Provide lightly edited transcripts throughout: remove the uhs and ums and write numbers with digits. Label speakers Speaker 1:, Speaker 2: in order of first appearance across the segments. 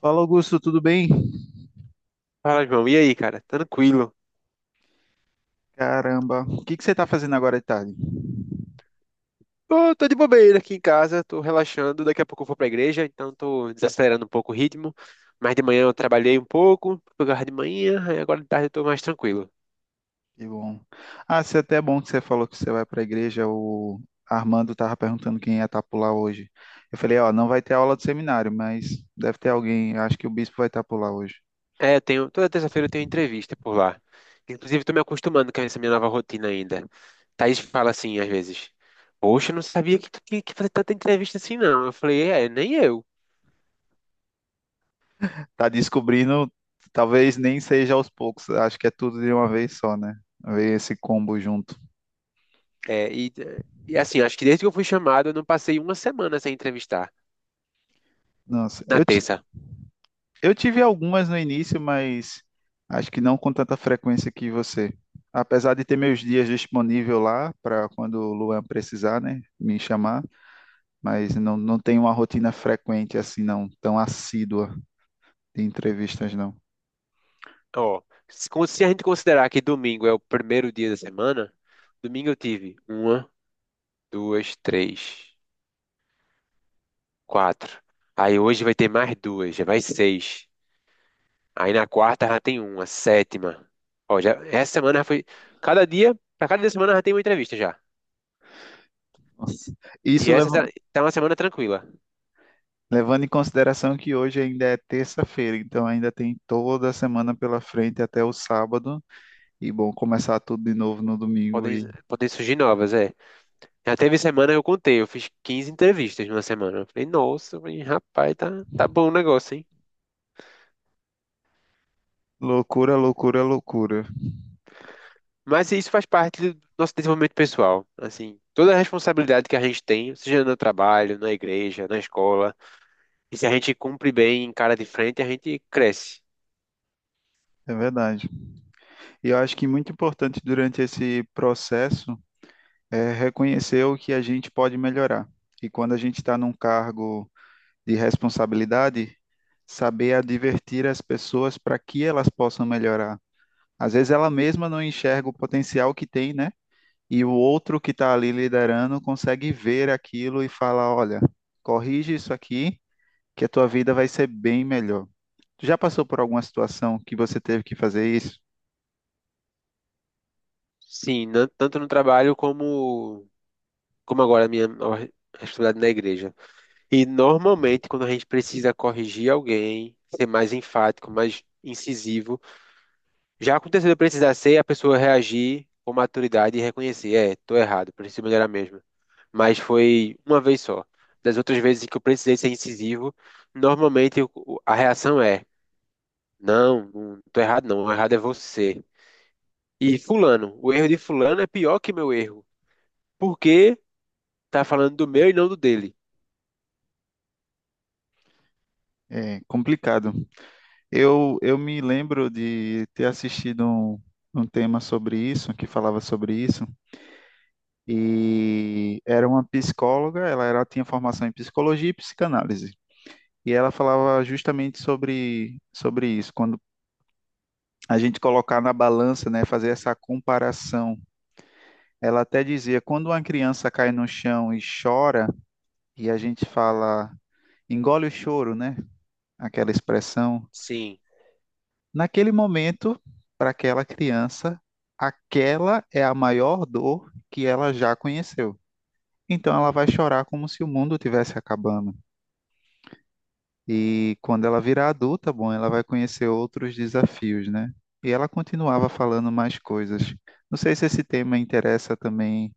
Speaker 1: Fala, Augusto, tudo bem?
Speaker 2: Fala, João. E aí, cara? Tranquilo?
Speaker 1: Caramba, o que que você está fazendo agora de tarde?
Speaker 2: Tô de bobeira aqui em casa, tô relaxando. Daqui a pouco eu vou pra igreja, então tô desacelerando um pouco o ritmo. Mas de manhã eu trabalhei um pouco, pegar de manhã, aí agora de tarde eu tô mais tranquilo.
Speaker 1: Que bom. Ah, se até é até bom que você falou que você vai para a igreja. O Armando estava perguntando quem ia estar por lá hoje. Eu falei, ó, não vai ter aula do seminário, mas deve ter alguém. Acho que o bispo vai estar por lá hoje.
Speaker 2: É, eu tenho, toda terça-feira eu tenho entrevista por lá. Inclusive, tô me acostumando com essa minha nova rotina ainda. Thaís fala assim, às vezes: Poxa, eu não sabia que tu tinha que fazer tanta entrevista assim, não. Eu falei: É, nem eu.
Speaker 1: Tá descobrindo, talvez nem seja aos poucos. Acho que é tudo de uma vez só, né? Ver esse combo junto.
Speaker 2: É, e, e assim, acho que desde que eu fui chamado, eu não passei uma semana sem entrevistar.
Speaker 1: Nossa,
Speaker 2: Na
Speaker 1: eu
Speaker 2: terça.
Speaker 1: eu tive algumas no início, mas acho que não com tanta frequência que você. Apesar de ter meus dias disponível lá para quando o Luan precisar, né, me chamar, mas não tenho uma rotina frequente assim, não, tão assídua de entrevistas, não.
Speaker 2: Ó, se a gente considerar que domingo é o primeiro dia da semana, domingo eu tive uma, duas, três, quatro. Aí hoje vai ter mais duas, já vai seis. Aí na quarta já tem uma, sétima. Ó, já, essa semana já foi. Pra cada dia da semana já tem uma entrevista já.
Speaker 1: Nossa.
Speaker 2: E
Speaker 1: Isso
Speaker 2: essa tá
Speaker 1: leva-
Speaker 2: tá uma semana tranquila.
Speaker 1: Levando em consideração que hoje ainda é terça-feira, então ainda tem toda a semana pela frente até o sábado, e bom, começar tudo de novo no domingo
Speaker 2: Podem,
Speaker 1: e
Speaker 2: podem surgir novas, é. Já teve semana que eu contei, eu fiz 15 entrevistas numa semana. Eu falei, nossa, eu falei, rapaz, tá bom o negócio, hein?
Speaker 1: loucura, loucura, loucura.
Speaker 2: Mas isso faz parte do nosso desenvolvimento pessoal. Assim, toda a responsabilidade que a gente tem, seja no trabalho, na igreja, na escola, e se a gente cumpre bem, encara de frente, a gente cresce.
Speaker 1: É verdade. E eu acho que muito importante durante esse processo é reconhecer o que a gente pode melhorar. E quando a gente está num cargo de responsabilidade, saber advertir as pessoas para que elas possam melhorar. Às vezes ela mesma não enxerga o potencial que tem, né? E o outro que está ali liderando consegue ver aquilo e fala, olha, corrige isso aqui, que a tua vida vai ser bem melhor. Tu já passou por alguma situação que você teve que fazer isso?
Speaker 2: Sim, tanto no trabalho como agora a minha nova responsabilidade na igreja. E normalmente, quando a gente precisa corrigir alguém, ser mais enfático, mais incisivo, já aconteceu de eu precisar ser, a pessoa reagir com maturidade e reconhecer, é, tô errado, preciso melhorar mesmo. Mas foi uma vez só. Das outras vezes que eu precisei ser incisivo, normalmente a reação é: não, não tô errado, não, o errado é você. E fulano, o erro de fulano é pior que meu erro, porque tá falando do meu e não do dele.
Speaker 1: É complicado. Eu me lembro de ter um tema sobre isso, que falava sobre isso, e era uma psicóloga, ela era, tinha formação em psicologia e psicanálise, e ela falava justamente sobre isso, quando a gente colocar na balança, né, fazer essa comparação. Ela até dizia, quando uma criança cai no chão e chora, e a gente fala, engole o choro, né, aquela expressão,
Speaker 2: Sim.
Speaker 1: naquele momento, para aquela criança, aquela é a maior dor que ela já conheceu. Então ela vai chorar como se o mundo tivesse acabando. E quando ela virar adulta, bom, ela vai conhecer outros desafios, né? E ela continuava falando mais coisas. Não sei se esse tema interessa também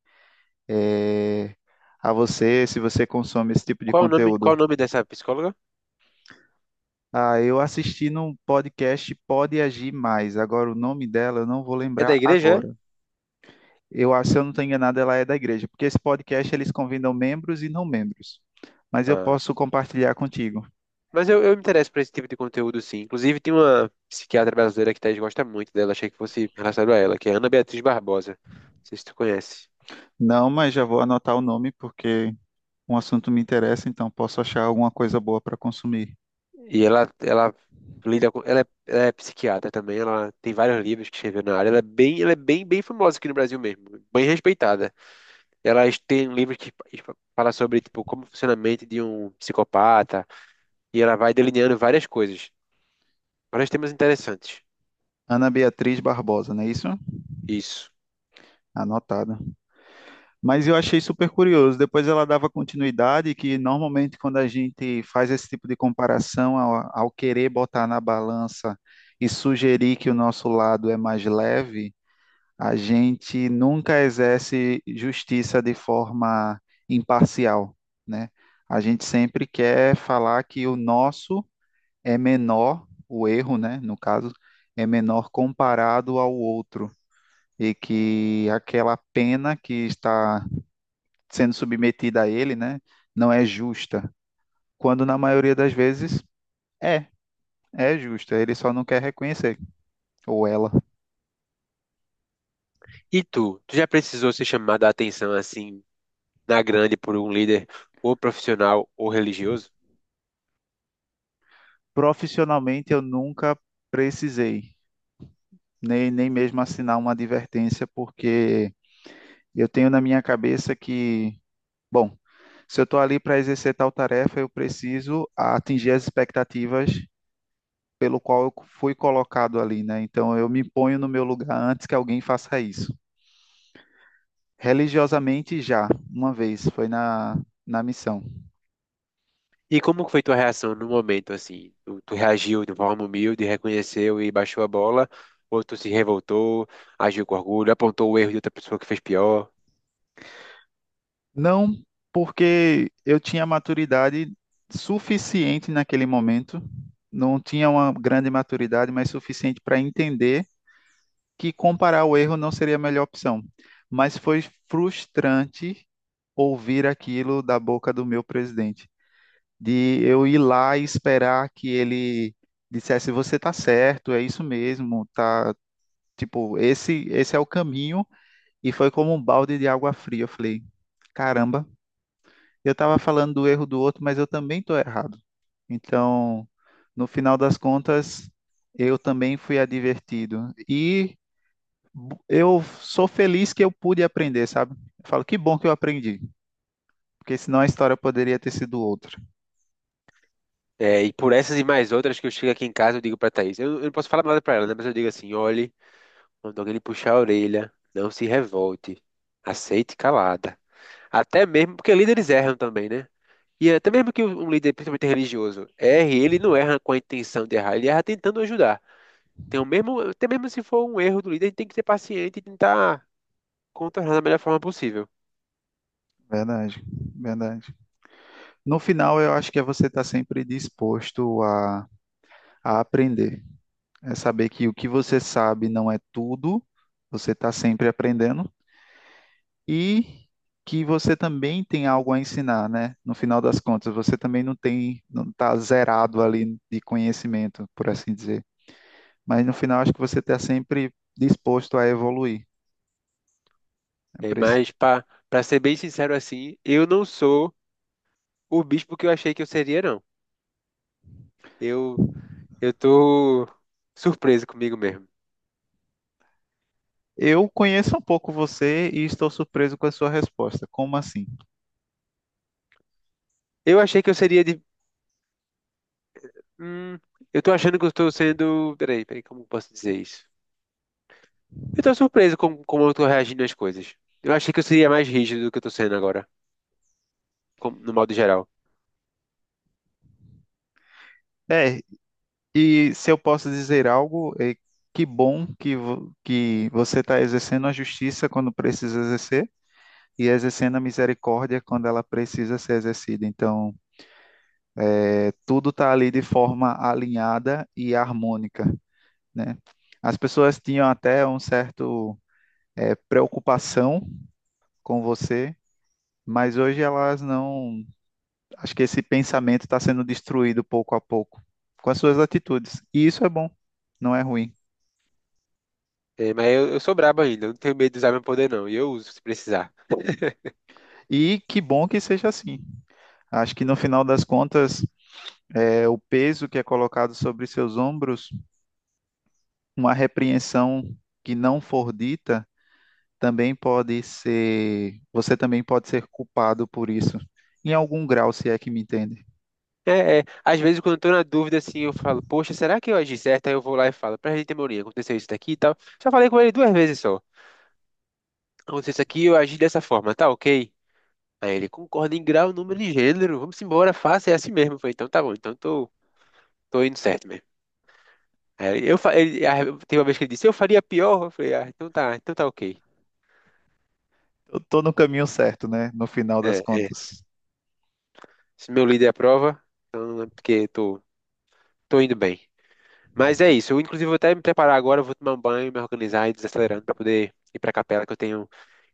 Speaker 1: a você, se você consome esse tipo de
Speaker 2: Qual o
Speaker 1: conteúdo.
Speaker 2: nome dessa psicóloga?
Speaker 1: Ah, eu assisti num podcast Pode Agir Mais. Agora o nome dela eu não vou
Speaker 2: É
Speaker 1: lembrar
Speaker 2: da igreja, é?
Speaker 1: agora. Eu acho, se eu não estou enganado, ela é da igreja, porque esse podcast eles convidam membros e não membros. Mas eu
Speaker 2: Ah.
Speaker 1: posso compartilhar contigo.
Speaker 2: Mas eu me interesso por esse tipo de conteúdo, sim. Inclusive, tem uma psiquiatra brasileira que Thaís gosta muito dela, achei que fosse relacionado a ela, que é Ana Beatriz Barbosa. Não sei se tu conhece.
Speaker 1: Não, mas já vou anotar o nome porque um assunto me interessa, então posso achar alguma coisa boa para consumir.
Speaker 2: E ela é psiquiatra também, ela tem vários livros que escreveu na área, ela é bem, bem famosa aqui no Brasil mesmo, bem respeitada. Tem livros que fala sobre, tipo, como funciona a mente de um psicopata, e ela vai delineando várias coisas, vários temas interessantes.
Speaker 1: Ana Beatriz Barbosa, não é isso?
Speaker 2: Isso.
Speaker 1: Anotado. Mas eu achei super curioso. Depois ela dava continuidade, que normalmente quando a gente faz esse tipo de comparação ao querer botar na balança e sugerir que o nosso lado é mais leve, a gente nunca exerce justiça de forma imparcial, né? A gente sempre quer falar que o nosso é menor, o erro, né, no caso, é menor comparado ao outro e que aquela pena que está sendo submetida a ele, né, não é justa, quando na maioria das vezes é, é justa, ele só não quer reconhecer, ou ela.
Speaker 2: E tu já precisou ser chamada a atenção, assim, na grande por um líder ou profissional ou religioso?
Speaker 1: Profissionalmente eu nunca precisei nem mesmo assinar uma advertência, porque eu tenho na minha cabeça que, bom, se eu estou ali para exercer tal tarefa, eu preciso atingir as expectativas pelo qual eu fui colocado ali, né? Então eu me ponho no meu lugar antes que alguém faça isso. Religiosamente já, uma vez, foi na missão.
Speaker 2: E como foi tua reação no momento, assim? Tu reagiu de forma humilde, reconheceu e baixou a bola? Ou tu se revoltou, agiu com orgulho, apontou o erro de outra pessoa que fez pior?
Speaker 1: Não porque eu tinha maturidade suficiente naquele momento, não tinha uma grande maturidade, mas suficiente para entender que comparar o erro não seria a melhor opção, mas foi frustrante ouvir aquilo da boca do meu presidente, de eu ir lá e esperar que ele dissesse você tá certo, é isso mesmo, tá, tipo, esse é o caminho e foi como um balde de água fria, eu falei, caramba, eu tava falando do erro do outro, mas eu também tô errado. Então, no final das contas, eu também fui advertido. E eu sou feliz que eu pude aprender, sabe? Eu falo, que bom que eu aprendi, porque senão a história poderia ter sido outra.
Speaker 2: É, e por essas e mais outras que eu chego aqui em casa, eu digo pra Thaís. Eu não posso falar nada pra ela, né? Mas eu digo assim, olhe, quando alguém lhe puxar a orelha, não se revolte. Aceite calada. Até mesmo, porque líderes erram também, né? E até mesmo que um líder, principalmente religioso, erre, ele não erra com a intenção de errar, ele erra tentando ajudar. Tem o mesmo, até mesmo se for um erro do líder, a gente tem que ser paciente e tentar contornar da melhor forma possível.
Speaker 1: Verdade, verdade. No final, eu acho que é você estar sempre disposto a aprender. É saber que o que você sabe não é tudo, você está sempre aprendendo e que você também tem algo a ensinar, né? No final das contas, você também não tem, não está zerado ali de conhecimento, por assim dizer. Mas no final, acho que você está sempre disposto a evoluir. É
Speaker 2: É,
Speaker 1: por isso.
Speaker 2: mas, para ser bem sincero assim, eu não sou o bispo que eu achei que eu seria, não. Eu, eu tô surpreso comigo mesmo.
Speaker 1: Eu conheço um pouco você e estou surpreso com a sua resposta. Como assim?
Speaker 2: Eu achei que eu seria de. Hum, eu tô achando que eu estou sendo. Peraí, como eu posso dizer isso? Eu tô surpreso com como eu tô reagindo às coisas. Eu achei que eu seria mais rígido do que eu tô sendo agora, no modo geral.
Speaker 1: É, e se eu posso dizer algo, é que bom que, que você está exercendo a justiça quando precisa exercer e exercendo a misericórdia quando ela precisa ser exercida. Então, é, tudo está ali de forma alinhada e harmônica, né? As pessoas tinham até um certo, é, preocupação com você, mas hoje elas não. Acho que esse pensamento está sendo destruído pouco a pouco com as suas atitudes. E isso é bom, não é ruim.
Speaker 2: É, mas eu sou brabo ainda, eu não tenho medo de usar meu poder, não. E eu uso se precisar.
Speaker 1: E que bom que seja assim. Acho que no final das contas, é o peso que é colocado sobre seus ombros, uma repreensão que não for dita, também pode ser, você também pode ser culpado por isso, em algum grau, se é que me entende.
Speaker 2: Às vezes quando eu tô na dúvida, assim, eu falo, poxa, será que eu agi certo? Aí eu vou lá e falo, pra gente, Mourinho, aconteceu isso daqui e tal. Já falei com ele duas vezes só. Aconteceu isso aqui, eu agi dessa forma, tá ok? Aí ele concorda em grau, número e gênero, vamos embora, faça, é assim mesmo. Eu falei, então tá bom, tô indo certo mesmo. Aí eu, fa- ele, ah, teve uma vez que ele disse, eu faria pior, eu falei, ah, então tá ok.
Speaker 1: Eu tô no caminho certo, né? No final
Speaker 2: É,
Speaker 1: das contas.
Speaker 2: se meu líder aprova, então é porque tô indo bem. Mas é isso. Eu, inclusive, vou até me preparar agora, eu vou tomar um banho, me organizar e desacelerando para poder ir para a capela, que eu tenho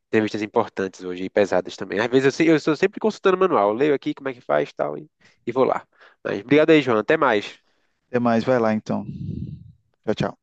Speaker 2: entrevistas importantes hoje e pesadas também. Às vezes eu estou sempre consultando o manual. Eu leio aqui como é que faz e tal, e vou lá. Mas obrigado aí, João. Até mais.
Speaker 1: Até mais, vai lá então. Tchau, tchau.